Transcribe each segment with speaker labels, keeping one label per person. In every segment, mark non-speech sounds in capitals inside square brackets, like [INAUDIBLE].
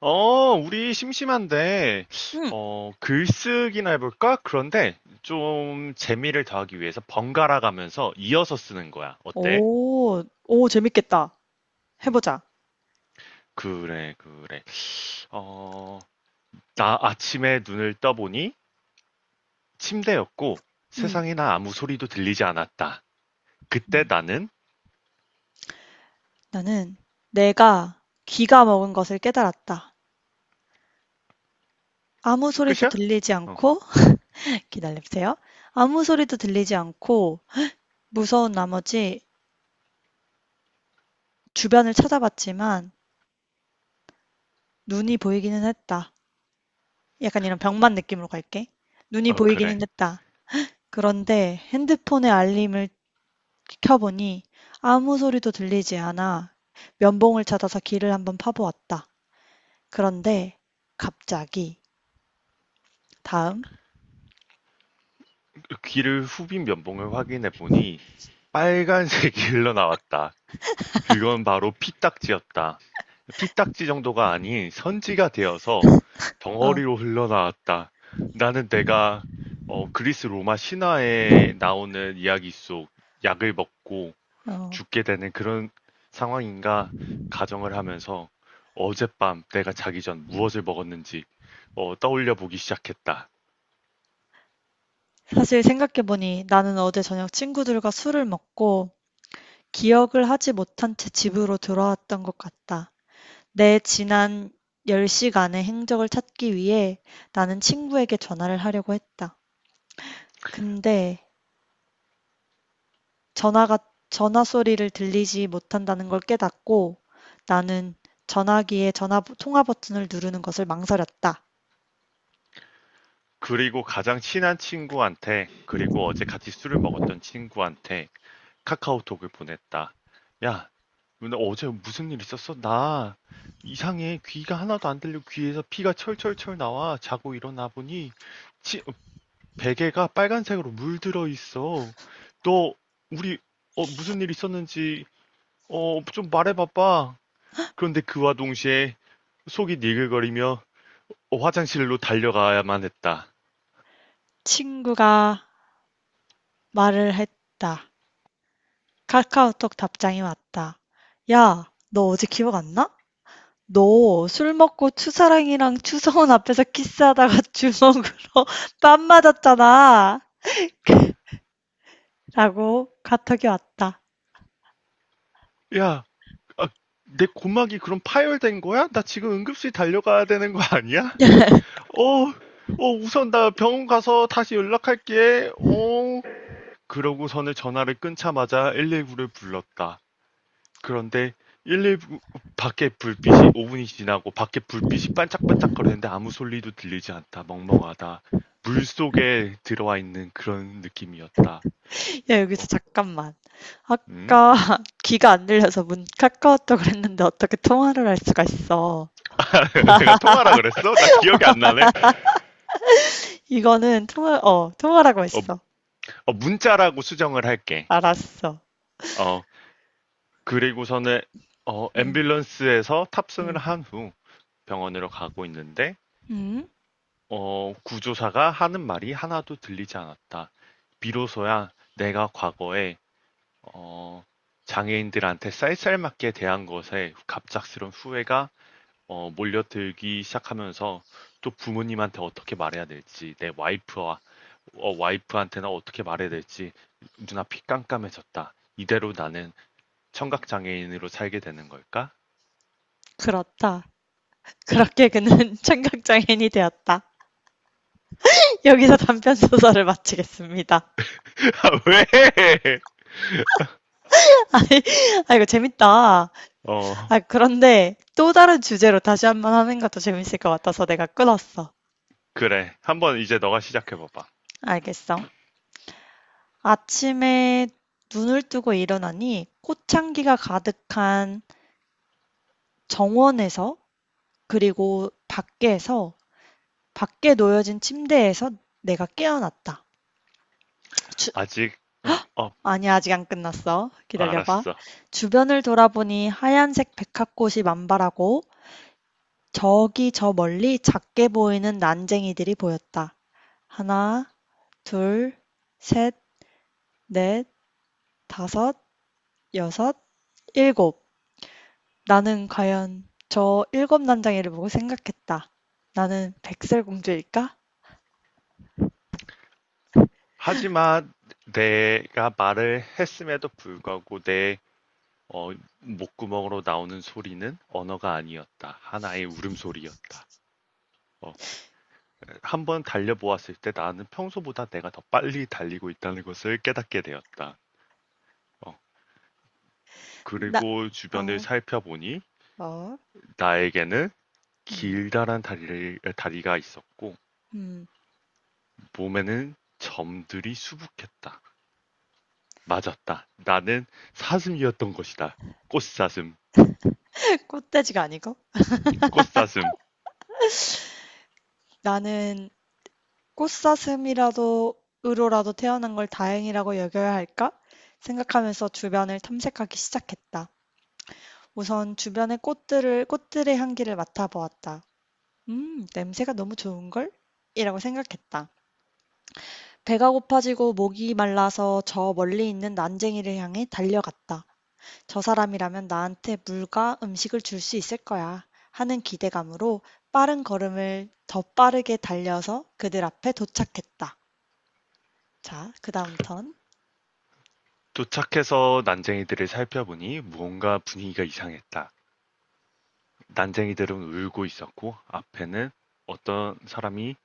Speaker 1: 우리 심심한데,
Speaker 2: 응.
Speaker 1: 글쓰기나 해볼까? 그런데 좀 재미를 더하기 위해서 번갈아 가면서 이어서 쓰는 거야. 어때?
Speaker 2: 오, 오, 재밌겠다.
Speaker 1: 음,
Speaker 2: 해보자.
Speaker 1: 그래, 그래. 어, 나 아침에 눈을 떠보니 침대였고
Speaker 2: 응.
Speaker 1: 세상에나 아무 소리도 들리지 않았다. 그때
Speaker 2: 음.
Speaker 1: 나는
Speaker 2: 나는 내가 귀가 먹은 것을 깨달았다. 아무 소리도
Speaker 1: 끝이야?
Speaker 2: 들리지
Speaker 1: 어,
Speaker 2: 않고, [LAUGHS] 기다려보세요. 아무 소리도 들리지 않고, 무서운 나머지 주변을 찾아봤지만, 눈이 보이기는 했다. 약간 이런 병만 느낌으로 갈게. 눈이
Speaker 1: 어,
Speaker 2: 보이기는
Speaker 1: 그래.
Speaker 2: 했다. 그런데 핸드폰의 알림을 켜보니 아무 소리도 들리지 않아 면봉을 찾아서 귀를 한번 파보았다. 그런데 갑자기 다음
Speaker 1: 귀를 후빈 면봉을 확인해 보니 빨간색이 [LAUGHS] 흘러나왔다. 그건 바로 피딱지였다. 피딱지 정도가 아닌 선지가 되어서
Speaker 2: 어.
Speaker 1: 덩어리로 흘러나왔다. 나는 내가 그리스 로마 신화에 나오는 이야기 속 약을 먹고
Speaker 2: 어,
Speaker 1: 죽게 되는 그런 상황인가 가정을 하면서 어젯밤 내가 자기 전 무엇을 먹었는지 떠올려 보기 시작했다.
Speaker 2: 사실 생각해보니 나는 어제 저녁 친구들과 술을 먹고 기억을 하지 못한 채 집으로 돌아왔던 것 같다. 내 지난 10시간의 행적을 찾기 위해 나는 친구에게 전화를 하려고 했다. 근데 전화가 전화 소리를 들리지 못한다는 걸 깨닫고 나는 전화기에 전화 통화 버튼을 누르는 것을 망설였다.
Speaker 1: 그리고 가장 친한 친구한테, 그리고 어제 같이 술을 먹었던 친구한테 카카오톡을 보냈다. 야, 너 어제 무슨 일 있었어? 나 이상해. 귀가 하나도 안 들리고 귀에서 피가 철철철 나와. 자고 일어나 보니 치- 베개가 빨간색으로 물들어 있어. 너 우리 무슨 일 있었는지 좀 말해봐봐. 그런데 그와 동시에 속이 니글거리며 화장실로 달려가야만 했다.
Speaker 2: 친구가 말을 했다. 카카오톡 답장이 왔다. "야, 너 어제 기억 안 나? 너 술 먹고 추사랑이랑 추성훈 앞에서 키스하다가 주먹으로 [LAUGHS] 뺨 맞았잖아." 라고 카톡이 왔다.
Speaker 1: 야, 아, 내 고막이 그럼 파열된 거야? 나 지금 응급실 달려가야 되는 거 아니야?
Speaker 2: [LAUGHS]
Speaker 1: 어, 우선 나 병원 가서 다시 연락할게. 어. 그러고서는 전화를 끊자마자 119를 불렀다. 그런데 119 밖에 불빛이 5분이 지나고 밖에 불빛이 반짝반짝거리는데 아무 소리도 들리지 않다. 멍멍하다. 물 속에 들어와 있는 그런 느낌이었다.
Speaker 2: 야, 여기서
Speaker 1: 어,
Speaker 2: 잠깐만.
Speaker 1: 응?
Speaker 2: 아까 [LAUGHS] 귀가 안 들려서 문 카카오톡을 했는데 어떻게 통화를 할 수가 있어.
Speaker 1: [LAUGHS] 내가 통화라 그랬어? 나 기억이 안 나네.
Speaker 2: 이거는 통화라고
Speaker 1: 어,
Speaker 2: 했어.
Speaker 1: 문자라고 수정을 할게.
Speaker 2: 알았어.
Speaker 1: 어, 그리고서는
Speaker 2: 음.
Speaker 1: 앰뷸런스에서 탑승을
Speaker 2: 음.
Speaker 1: 한후 병원으로 가고 있는데
Speaker 2: 음.
Speaker 1: 구조사가 하는 말이 하나도 들리지 않았다. 비로소야 내가 과거에 어, 장애인들한테 쌀쌀맞게 대한 것에 갑작스런 후회가 몰려들기 시작하면서 또 부모님한테 어떻게 말해야 될지 내 와이프와 와이프한테는 어떻게 말해야 될지 눈앞이 깜깜해졌다. 이대로 나는 청각장애인으로 살게 되는 걸까?
Speaker 2: 그렇다. 그렇게 그는 [LAUGHS] 청각장애인이 되었다. 여기서 단편 소설을 마치겠습니다.
Speaker 1: [LAUGHS] 왜?
Speaker 2: [LAUGHS] 아니, 아, 이거 재밌다.
Speaker 1: 어,
Speaker 2: 아, 그런데 또 다른 주제로 다시 한 번 하는 것도 재밌을 것 같아서 내가 끊었어.
Speaker 1: 그래. 한번 이제 너가 시작해봐봐.
Speaker 2: 알겠어. 아침에 눈을 뜨고 일어나니 꽃향기가 가득한 정원에서 그리고 밖에서 밖에 놓여진 침대에서 내가 깨어났다. 주-
Speaker 1: 아직, 어, 어,
Speaker 2: 아니, 아직 안 끝났어. 기다려봐.
Speaker 1: 알았어.
Speaker 2: 주변을 돌아보니 하얀색 백합꽃이 만발하고 저기 저 멀리 작게 보이는 난쟁이들이 보였다. 하나, 둘, 셋, 넷, 다섯, 여섯, 일곱. 나는 과연 저 일곱 난쟁이를 보고 생각했다. 나는 백설공주일까?
Speaker 1: 하지만 내가 말을 했음에도 불구하고 내 어, 목구멍으로 나오는 소리는 언어가 아니었다. 하나의 울음소리였다. 어, 한번 달려보았을 때 나는 평소보다 내가 더 빨리 달리고 있다는 것을 깨닫게 되었다. 어,
Speaker 2: 나,
Speaker 1: 그리고 주변을
Speaker 2: 아,
Speaker 1: 살펴보니
Speaker 2: 어,
Speaker 1: 나에게는
Speaker 2: 음,
Speaker 1: 길다란 다리가 있었고
Speaker 2: 음,
Speaker 1: 몸에는 점들이 수북했다. 맞았다. 나는 사슴이었던 것이다. 꽃사슴,
Speaker 2: [LAUGHS] 꽃돼지가 아니고?
Speaker 1: 꽃사슴.
Speaker 2: 나는 꽃사슴이라도, 으로라도 태어난 걸 다행이라고 여겨야 할까? 생각하면서 주변을 탐색하기 시작했다. 우선 주변의 꽃들을 꽃들의 향기를 맡아보았다. 냄새가 너무 좋은걸? 이라고 생각했다. 배가 고파지고 목이 말라서 저 멀리 있는 난쟁이를 향해 달려갔다. 저 사람이라면 나한테 물과 음식을 줄 수 있을 거야. 하는 기대감으로 빠른 걸음을 더 빠르게 달려서 그들 앞에 도착했다. 자, 그 다음 턴.
Speaker 1: 도착해서 난쟁이들을 살펴보니 무언가 분위기가 이상했다. 난쟁이들은 울고 있었고 앞에는 어떤 사람이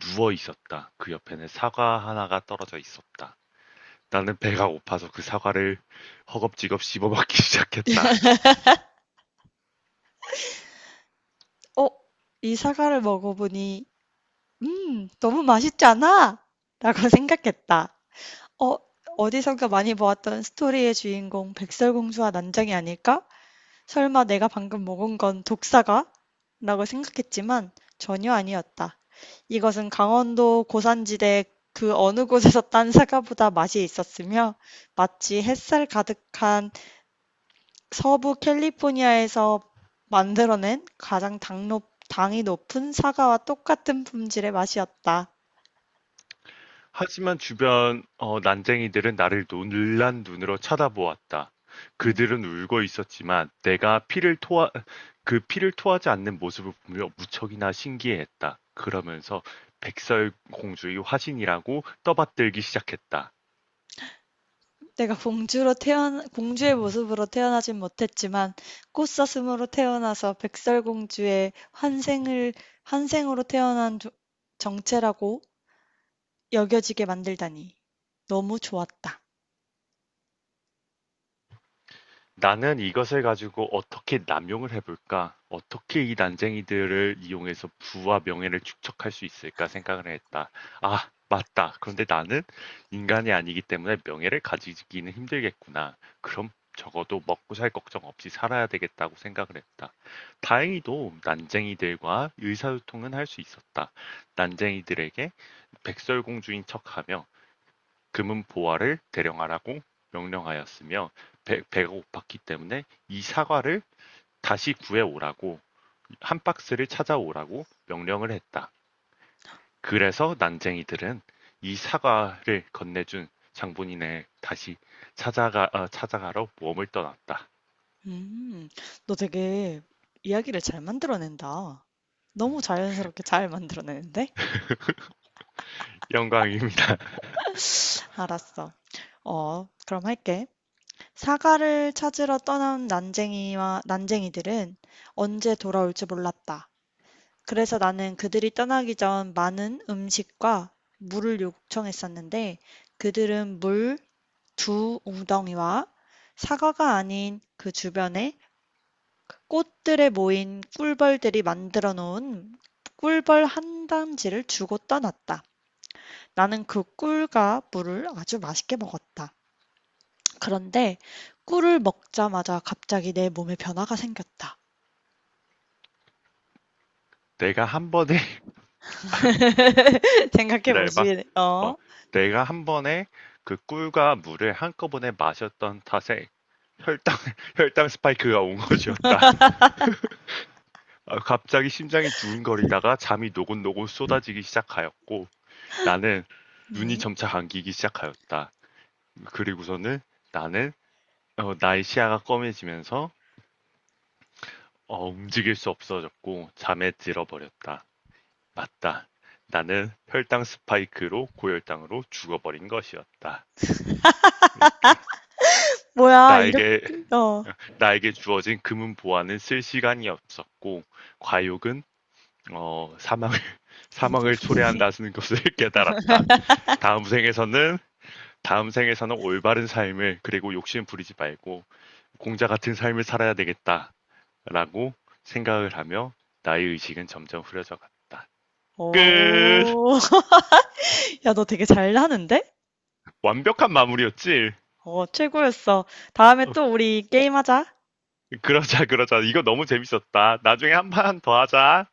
Speaker 1: 누워 있었다. 그 옆에는 사과 하나가 떨어져 있었다. 나는 배가 고파서 그 사과를 허겁지겁 씹어먹기 [LAUGHS] 시작했다.
Speaker 2: 어? 이 사과를 먹어보니, 너무 맛있잖아 라고 생각했다. 어, 어디선가 많이 보았던 스토리의 주인공 백설공주와 난장이 아닐까? 설마 내가 방금 먹은 건 독사가? 라고 생각했지만 전혀 아니었다. 이것은 강원도 고산지대 그 어느 곳에서 딴 사과보다 맛이 있었으며 마치 햇살 가득한 서부 캘리포니아에서 만들어낸 당이 높은 사과와 똑같은 품질의 맛이었다.
Speaker 1: 하지만 주변 난쟁이들은 나를 놀란 눈으로 쳐다보았다.
Speaker 2: 음.
Speaker 1: 그들은 울고 있었지만 내가 그 피를 토하지 않는 모습을 보며 무척이나 신기해했다. 그러면서 백설공주의 화신이라고 떠받들기 시작했다.
Speaker 2: 내가 공주로 태어나 공주의 모습으로 태어나진 못했지만 꽃사슴으로 태어나서 백설공주의 환생을 환생으로 태어난 정체라고 여겨지게 만들다니 너무 좋았다.
Speaker 1: 나는 이것을 가지고 어떻게 남용을 해볼까? 어떻게 이 난쟁이들을 이용해서 부와 명예를 축적할 수 있을까 생각을 했다. 아, 맞다. 그런데 나는 인간이 아니기 때문에 명예를 가지기는 힘들겠구나. 그럼 적어도 먹고 살 걱정 없이 살아야 되겠다고 생각을 했다. 다행히도 난쟁이들과 의사소통은 할 수 있었다. 난쟁이들에게 백설공주인 척하며 금은 보화를 대령하라고 명령하였으며 배가 고팠기 때문에 이 사과를 다시 구해오라고 한 박스를 찾아오라고 명령을 했다. 그래서 난쟁이들은 이 사과를 건네준 장본인을 다시 찾아가러 모험을 떠났다.
Speaker 2: 음, 너 되게 이야기를 잘 만들어낸다. 너무 자연스럽게 잘 만들어내는데?
Speaker 1: 영광입니다.
Speaker 2: 알았어. 어, 그럼 할게. 사과를 찾으러 떠난 난쟁이와 난쟁이들은 언제 돌아올지 몰랐다. 그래서 나는 그들이 떠나기 전 많은 음식과 물을 요청했었는데 그들은 물 두 웅덩이와 사과가 아닌 그 주변에 꽃들에 모인 꿀벌들이 만들어 놓은 꿀벌 한 단지를 주고 떠났다. 나는 그 꿀과 물을 아주 맛있게 먹었다. 그런데 꿀을 먹자마자 갑자기 내 몸에 변화가 생겼다.
Speaker 1: 내가 한 번에, [LAUGHS]
Speaker 2: [LAUGHS] 생각해
Speaker 1: 기다려봐.
Speaker 2: 보시,
Speaker 1: 어,
Speaker 2: 어?
Speaker 1: 내가 한 번에 그 꿀과 물을 한꺼번에 마셨던 탓에 혈당, [LAUGHS] 혈당 스파이크가 온 것이었다. 아, 갑자기 심장이 두근거리다가 잠이 노곤노곤 쏟아지기 시작하였고 나는 눈이
Speaker 2: 음.
Speaker 1: 점차 감기기 시작하였다. 그리고서는 나는 나의 시야가 꺼매지면서 움직일 수 없어졌고 잠에 들어버렸다. 맞다. 나는 혈당 스파이크로 고혈당으로 죽어버린 것이었다.
Speaker 2: 뭐야, 이렇게,
Speaker 1: 나에게
Speaker 2: 어.
Speaker 1: 나에게 주어진 금은 보화는 쓸 시간이 없었고 과욕은 사망을 [LAUGHS] 사망을 초래한다는 것을 [LAUGHS] 깨달았다. 다음 생에서는 다음 생에서는 올바른 삶을 그리고 욕심 부리지 말고 공자 같은 삶을 살아야 되겠다라고 생각을 하며 나의 의식은 점점 흐려져 갔다. 끝.
Speaker 2: 오, [LAUGHS] 야, 너 되게 잘하는데?
Speaker 1: 완벽한 마무리였지.
Speaker 2: 어, 최고였어. 다음에
Speaker 1: 어,
Speaker 2: 또 우리 게임하자.
Speaker 1: 그러자 그러자 이거 너무 재밌었다. 나중에 한 판 더 하자.